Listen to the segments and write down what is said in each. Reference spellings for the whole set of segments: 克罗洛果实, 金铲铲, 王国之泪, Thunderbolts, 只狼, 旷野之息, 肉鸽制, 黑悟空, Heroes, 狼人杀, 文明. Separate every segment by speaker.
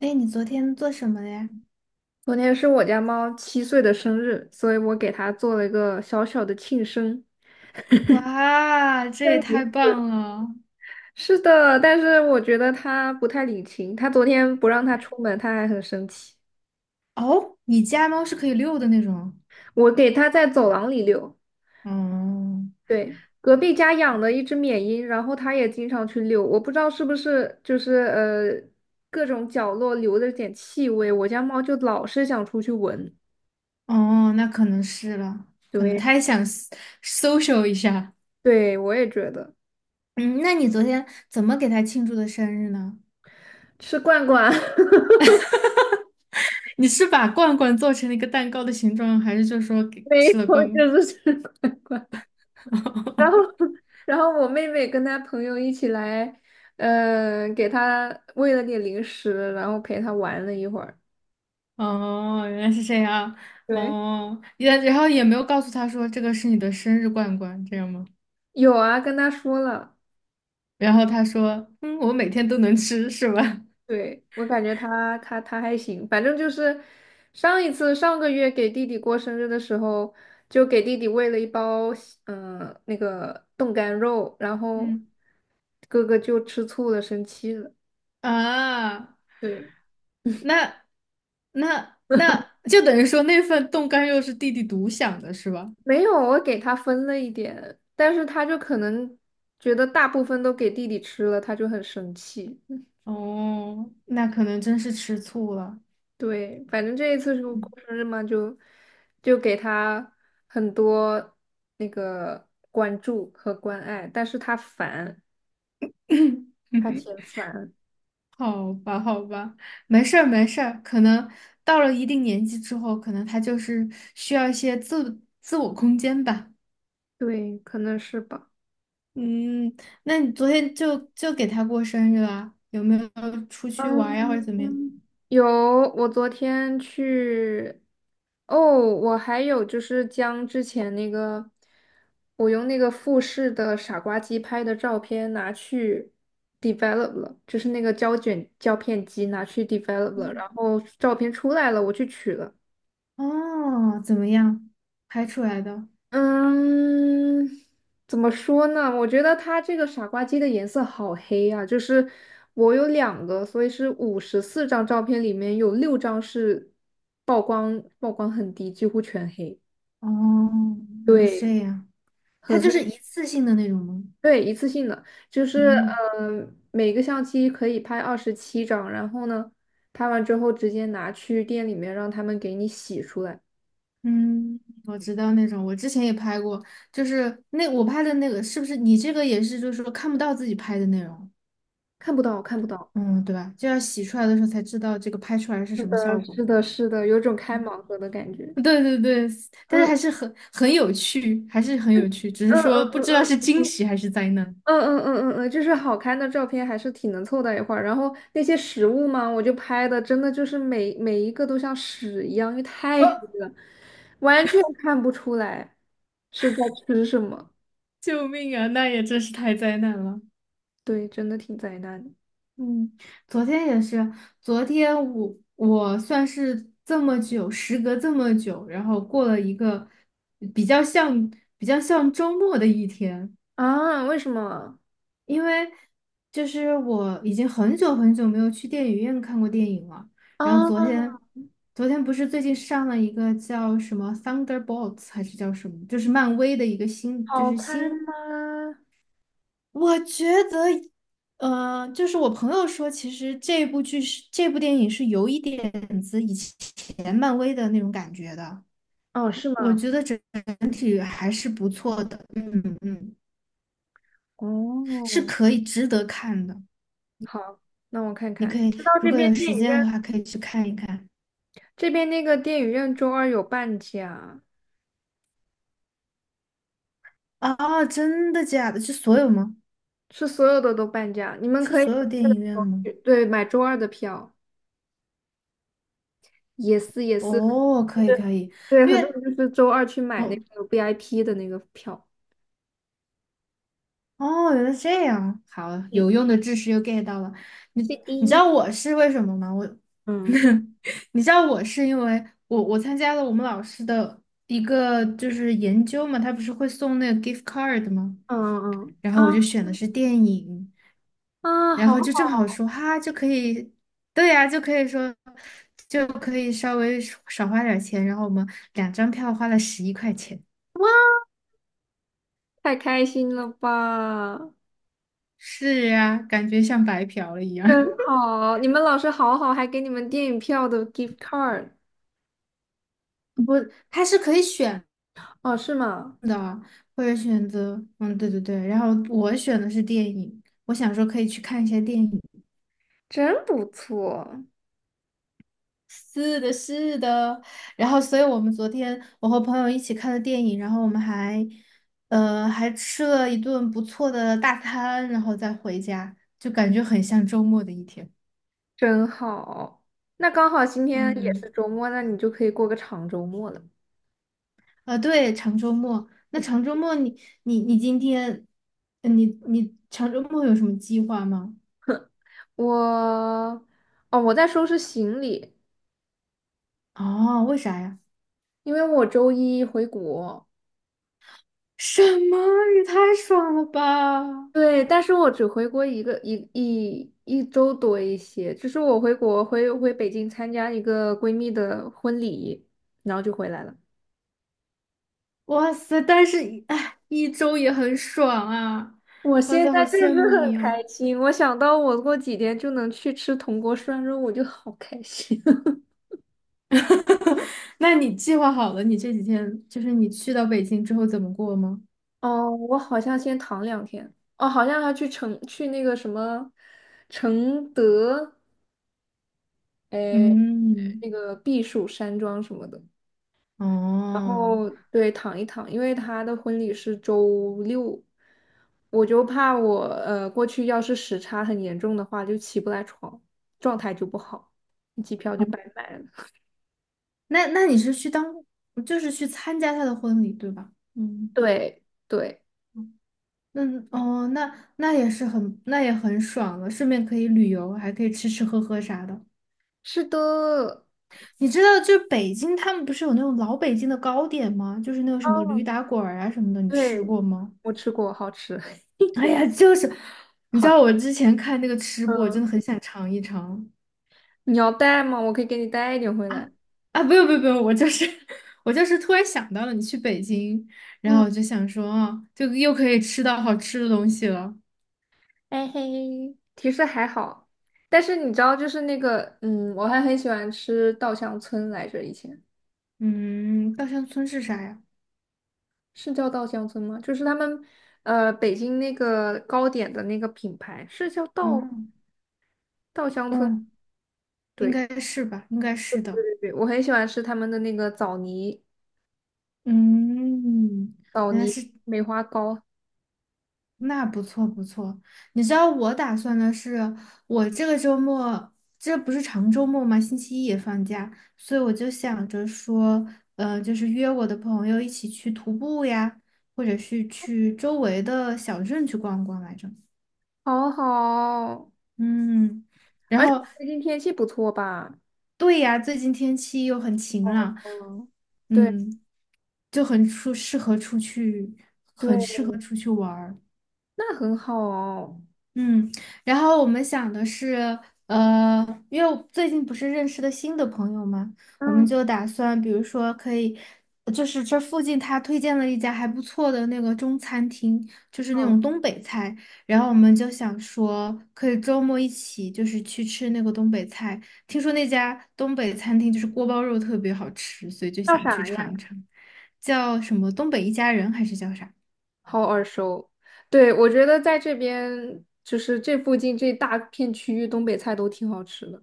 Speaker 1: 哎，你昨天做什么了呀？
Speaker 2: 昨天是我家猫7岁的生日，所以我给它做了一个小小的庆生。
Speaker 1: 哇，这
Speaker 2: 那
Speaker 1: 也太
Speaker 2: 你
Speaker 1: 棒了！
Speaker 2: 是的，但是我觉得它不太领情。它昨天不让它出门，它还很生气。
Speaker 1: 哦，你家猫是可以遛的那种。
Speaker 2: 我给它在走廊里遛，
Speaker 1: 哦
Speaker 2: 对，隔壁家养了一只缅因，然后它也经常去遛。我不知道是不是就是各种角落留着点气味，我家猫就老是想出去闻。
Speaker 1: 哦，那可能是了，可能
Speaker 2: 对，
Speaker 1: 它也想 social 一下。
Speaker 2: 对，我也觉得
Speaker 1: 嗯，那你昨天怎么给它庆祝的生日呢？
Speaker 2: 吃罐罐
Speaker 1: 你是把罐罐做成了一个蛋糕的形状，还是就说给
Speaker 2: 没
Speaker 1: 吃了
Speaker 2: 错，
Speaker 1: 罐？
Speaker 2: 就是 吃罐罐。然后，然后我妹妹跟她朋友一起来，给她喂了点零食，然后陪她玩了一会儿。
Speaker 1: 哦，原来是这样。
Speaker 2: 对，
Speaker 1: 哦，也然后也没有告诉他说这个是你的生日罐罐，这样吗？
Speaker 2: 有啊，跟她说了。
Speaker 1: 然后他说："嗯，我每天都能吃，是吧？"
Speaker 2: 对，我感觉她还行，反正就是上一次上个月给弟弟过生日的时候，就给弟弟喂了一包那个冻干肉，然 后
Speaker 1: 嗯
Speaker 2: 哥哥就吃醋了，生气了。
Speaker 1: 啊，
Speaker 2: 对。
Speaker 1: 那那就等于说那份冻干肉是弟弟独享的，是吧？
Speaker 2: 没有，我给他分了一点，但是他就可能觉得大部分都给弟弟吃了，他就很生气。
Speaker 1: 哦，那可能真是吃醋了。
Speaker 2: 对，反正这一次是我过
Speaker 1: 嗯
Speaker 2: 生日嘛，就给他很多那个关注和关爱，但是他烦，他嫌 烦，
Speaker 1: 好吧，好吧，没事儿，没事儿。可能到了一定年纪之后，可能他就是需要一些我空间吧。
Speaker 2: 对，可能是吧。
Speaker 1: 嗯，那你昨天就给他过生日啦？有没有出去玩儿呀，或者怎么样？
Speaker 2: 嗯，有，我昨天去，哦，我还有就是将之前那个，我用那个富士的傻瓜机拍的照片拿去 develop 了，就是那个胶卷胶片机拿去 develop 了，
Speaker 1: 嗯
Speaker 2: 然后照片出来了，我去取了。
Speaker 1: 哦，怎么样？拍出来的？
Speaker 2: 嗯，怎么说呢？我觉得它这个傻瓜机的颜色好黑呀，就是我有2个，所以是54张照片里面有6张是曝光很低，几乎全黑。
Speaker 1: 哦，原来是
Speaker 2: 对，
Speaker 1: 这样。它
Speaker 2: 很
Speaker 1: 就是
Speaker 2: 黑。
Speaker 1: 一次性的那种吗？
Speaker 2: 对，一次性的，就是
Speaker 1: 嗯
Speaker 2: 每个相机可以拍27张，然后呢，拍完之后直接拿去店里面让他们给你洗出来，
Speaker 1: 嗯，我知道那种，我之前也拍过，就是那我拍的那个，是不是你这个也是，就是说看不到自己拍的内容，
Speaker 2: 看不到，看不到。
Speaker 1: 嗯，对吧？就要洗出来的时候才知道这个拍出来是
Speaker 2: 是
Speaker 1: 什么
Speaker 2: 的，
Speaker 1: 效果。
Speaker 2: 是的，是的，有种开盲盒的感觉。
Speaker 1: 对对对，但是
Speaker 2: 嗯。
Speaker 1: 还是很有趣，还是很有趣，只是
Speaker 2: 嗯嗯
Speaker 1: 说不
Speaker 2: 嗯
Speaker 1: 知道是惊
Speaker 2: 嗯
Speaker 1: 喜还是灾难。
Speaker 2: 就是好看的照片还是挺能凑到一块儿。然后那些食物嘛，我就拍的真的就是每一个都像屎一样，因为太
Speaker 1: 啊，
Speaker 2: 黑了，完全看不出来是在吃什么。
Speaker 1: 救命啊！那也真是太灾难了。
Speaker 2: 对，真的挺灾难的
Speaker 1: 嗯，昨天也是，昨天我算是这么久，时隔这么久，然后过了一个比较像比较像周末的一天。
Speaker 2: 啊！为什么
Speaker 1: 因为就是我已经很久很久没有去电影院看过电影了。然后昨
Speaker 2: 啊？
Speaker 1: 天，昨天不是最近上了一个叫什么《Thunderbolts》还是叫什么，就是漫威的一个新，就
Speaker 2: 好
Speaker 1: 是
Speaker 2: 看
Speaker 1: 新。
Speaker 2: 吗？
Speaker 1: 我觉得，就是我朋友说，其实这部电影是有一点子以前漫威的那种感觉的。
Speaker 2: 哦，是
Speaker 1: 我
Speaker 2: 吗？
Speaker 1: 觉得体还是不错的，嗯嗯，是
Speaker 2: 哦，
Speaker 1: 可以值得看的。
Speaker 2: 好，那我看
Speaker 1: 你
Speaker 2: 看。
Speaker 1: 可
Speaker 2: 你
Speaker 1: 以
Speaker 2: 知道
Speaker 1: 如果有时间的话，可以去看一看。
Speaker 2: 这边那个电影院周二有半价。
Speaker 1: 啊！真的假的？是所有吗？
Speaker 2: 是所有的都半价，你们
Speaker 1: 是
Speaker 2: 可以
Speaker 1: 所
Speaker 2: 周
Speaker 1: 有电
Speaker 2: 二的
Speaker 1: 影
Speaker 2: 时
Speaker 1: 院
Speaker 2: 候
Speaker 1: 吗？
Speaker 2: 去对，买周二的票，也是也是，就是
Speaker 1: 哦，可以
Speaker 2: 对，
Speaker 1: 可以，
Speaker 2: 对
Speaker 1: 因
Speaker 2: 很多
Speaker 1: 为
Speaker 2: 人就是周二去买那
Speaker 1: 哦
Speaker 2: 个 VIP 的那个票。
Speaker 1: 哦，原来是这样，好，有
Speaker 2: 嗯，
Speaker 1: 用的知识又 get 到了。你
Speaker 2: 第
Speaker 1: 你知道
Speaker 2: 一
Speaker 1: 我是为什么吗？我，
Speaker 2: 嗯
Speaker 1: 你知道我是因为我参加了我们老师的一个就是研究嘛，他不是会送那个 gift card 吗？
Speaker 2: 嗯嗯
Speaker 1: 然
Speaker 2: 啊
Speaker 1: 后我就选的是电影，
Speaker 2: 啊，
Speaker 1: 然
Speaker 2: 好
Speaker 1: 后就正好
Speaker 2: 好，
Speaker 1: 说哈，就可以，对呀、就可以说，就可以稍微少花点儿钱。然后我们两张票花了11块钱。
Speaker 2: 太开心了吧，
Speaker 1: 是呀、感觉像白嫖了一样。
Speaker 2: 真好！你们老师好好，还给你们电影票的 gift card。
Speaker 1: 不，它是可以选
Speaker 2: 哦，是吗？
Speaker 1: 的，或者选择，嗯，对对对。然后我选的是电影，我想说可以去看一下电影。
Speaker 2: 真不错，
Speaker 1: 是的，是的。然后，所以我们昨天我和朋友一起看了电影，然后我们还，还吃了一顿不错的大餐，然后再回家，就感觉很像周末的一天。
Speaker 2: 真好。那刚好今天也是
Speaker 1: 嗯，
Speaker 2: 周末，那你就可以过个长周末了。
Speaker 1: 对，长周末。那长周末你，你今天，你你长周末有什么计划吗？
Speaker 2: 我哦，我在收拾行李，
Speaker 1: 哦，为啥呀？
Speaker 2: 因为我周一回国。
Speaker 1: 什么？也太爽了吧！
Speaker 2: 对，但是我只回国一周多一些，就是我回国回回北京参加一个闺蜜的婚礼，然后就回来了。
Speaker 1: 哇塞，但是，哎，一周也很爽啊！
Speaker 2: 我
Speaker 1: 哇
Speaker 2: 现
Speaker 1: 塞，好
Speaker 2: 在就是
Speaker 1: 羡慕
Speaker 2: 很
Speaker 1: 你哦。
Speaker 2: 开心，我想到我过几天就能去吃铜锅涮肉，我就好开心。
Speaker 1: 哈哈，那你计划好了，你这几天就是你去到北京之后怎么过吗？
Speaker 2: 哦，我好像先躺2天。哦，好像还去那个什么承德。呃，
Speaker 1: 嗯，
Speaker 2: 那个避暑山庄什么的，然
Speaker 1: 哦，
Speaker 2: 后对躺一躺，因为他的婚礼是周六，我就怕我过去要是时差很严重的话，就起不来床，状态就不好，机票就白买了。
Speaker 1: 那那你是去当，就是去参加他的婚礼，对吧？嗯，
Speaker 2: 对对，
Speaker 1: 那哦，那那也是很，那也很爽了，顺便可以旅游，还可以吃吃喝喝啥的。
Speaker 2: 是的，哦，
Speaker 1: 你知道，就北京他们不是有那种老北京的糕点吗？就是那种什么驴打滚儿啊什么的，你吃
Speaker 2: 对，
Speaker 1: 过吗？
Speaker 2: 我吃过，好吃。
Speaker 1: 哎呀，就是，你知道我之前看那个吃播，我
Speaker 2: 嗯，
Speaker 1: 真的很想尝一尝。
Speaker 2: 你要带吗？我可以给你带一点回
Speaker 1: 啊
Speaker 2: 来。
Speaker 1: 啊，不用不用不用，我就是 我就是突然想到了你去北京，然
Speaker 2: 嗯。
Speaker 1: 后我就想说啊，就又可以吃到好吃的东西了。
Speaker 2: 哎嘿，其实还好，但是你知道，就是那个，我还很喜欢吃稻香村来着，以前
Speaker 1: 嗯，稻香村是啥呀？
Speaker 2: 是叫稻香村吗？就是他们，北京那个糕点的那个品牌是叫稻
Speaker 1: 嗯
Speaker 2: 稻香村，
Speaker 1: 嗯，应
Speaker 2: 对
Speaker 1: 该是吧，应该是的。
Speaker 2: 对对，我很喜欢吃他们的那个枣泥
Speaker 1: 嗯，
Speaker 2: 枣
Speaker 1: 原来
Speaker 2: 泥
Speaker 1: 是
Speaker 2: 梅花糕，
Speaker 1: 那不错不错，你知道我打算的是，我这个周末，这不是长周末吗？星期一也放假，所以我就想着说，就是约我的朋友一起去徒步呀，或者是去周围的小镇去逛逛来着。
Speaker 2: 好好，
Speaker 1: 嗯，然
Speaker 2: 而且
Speaker 1: 后
Speaker 2: 最近天气不错吧？
Speaker 1: 对呀，最近天气又很晴朗，
Speaker 2: 嗯，对
Speaker 1: 嗯，就很出适合出去，
Speaker 2: 对，
Speaker 1: 很适合出去玩儿。
Speaker 2: 那很好哦。
Speaker 1: 嗯，然后我们想的是，因为我最近不是认识了新的朋友嘛，我们
Speaker 2: 嗯
Speaker 1: 就打算，比如说可以，就是这附近他推荐了一家还不错的那个中餐厅，就是那
Speaker 2: 嗯，
Speaker 1: 种东北菜，然后我们就想说，可以周末一起就是去吃那个东北菜，听说那家东北餐厅就是锅包肉特别好吃，所以就
Speaker 2: 叫
Speaker 1: 想去
Speaker 2: 啥呀？
Speaker 1: 尝一尝，叫什么东北一家人还是叫啥？
Speaker 2: 好耳熟。对，我觉得在这边就是这附近这大片区域，东北菜都挺好吃的。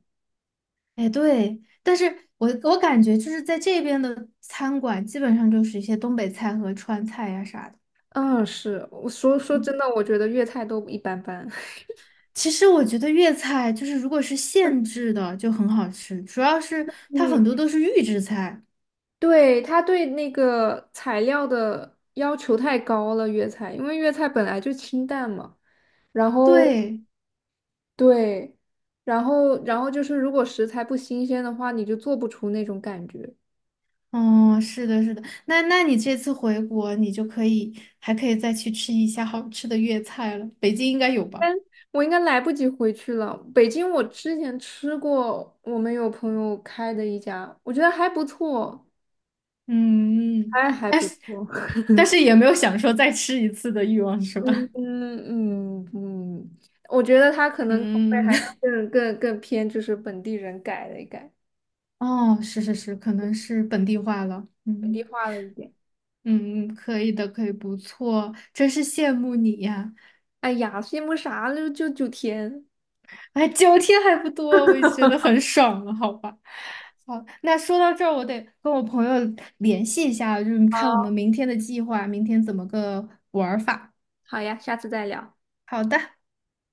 Speaker 1: 哎，对，但是我感觉就是在这边的餐馆，基本上就是一些东北菜和川菜呀、啥的。
Speaker 2: 嗯，是，我说
Speaker 1: 嗯，
Speaker 2: 真的，我觉得粤菜都一般般。
Speaker 1: 其实我觉得粤菜就是如果是现 制的就很好吃，主要是它
Speaker 2: 嗯，
Speaker 1: 很多都是预制菜。
Speaker 2: 对，他对那个材料的要求太高了，粤菜，因为粤菜本来就清淡嘛。然后
Speaker 1: 对，
Speaker 2: 对，然后就是如果食材不新鲜的话，你就做不出那种感觉。
Speaker 1: 嗯，是的，是的。那那你这次回国，你就可以还可以再去吃一下好吃的粤菜了，北京应该有吧？
Speaker 2: 但我应该来不及回去了。北京我之前吃过，我们有朋友开的一家，我觉得还不错，
Speaker 1: 嗯，嗯
Speaker 2: 还
Speaker 1: 但
Speaker 2: 不
Speaker 1: 是
Speaker 2: 错。
Speaker 1: 但是也没有想说再吃一次的欲望，是
Speaker 2: 嗯
Speaker 1: 吧？
Speaker 2: 嗯嗯嗯，我觉得他可 能口味
Speaker 1: 嗯。
Speaker 2: 还是更偏就是本地人改了一改，
Speaker 1: 哦，是是是，可能是本地化了。
Speaker 2: 本地
Speaker 1: 嗯
Speaker 2: 化了一点。
Speaker 1: 嗯，可以的，可以，不错，真是羡慕你呀！
Speaker 2: 哎呀，羡慕啥了？就9天。
Speaker 1: 哎，9天还不多，我也觉得很爽了，好吧？好，那说到这儿，我得跟我朋友联系一下，就是看我们明天的计划，明天怎么个玩儿法。
Speaker 2: 好呀，下次再聊。
Speaker 1: 好的。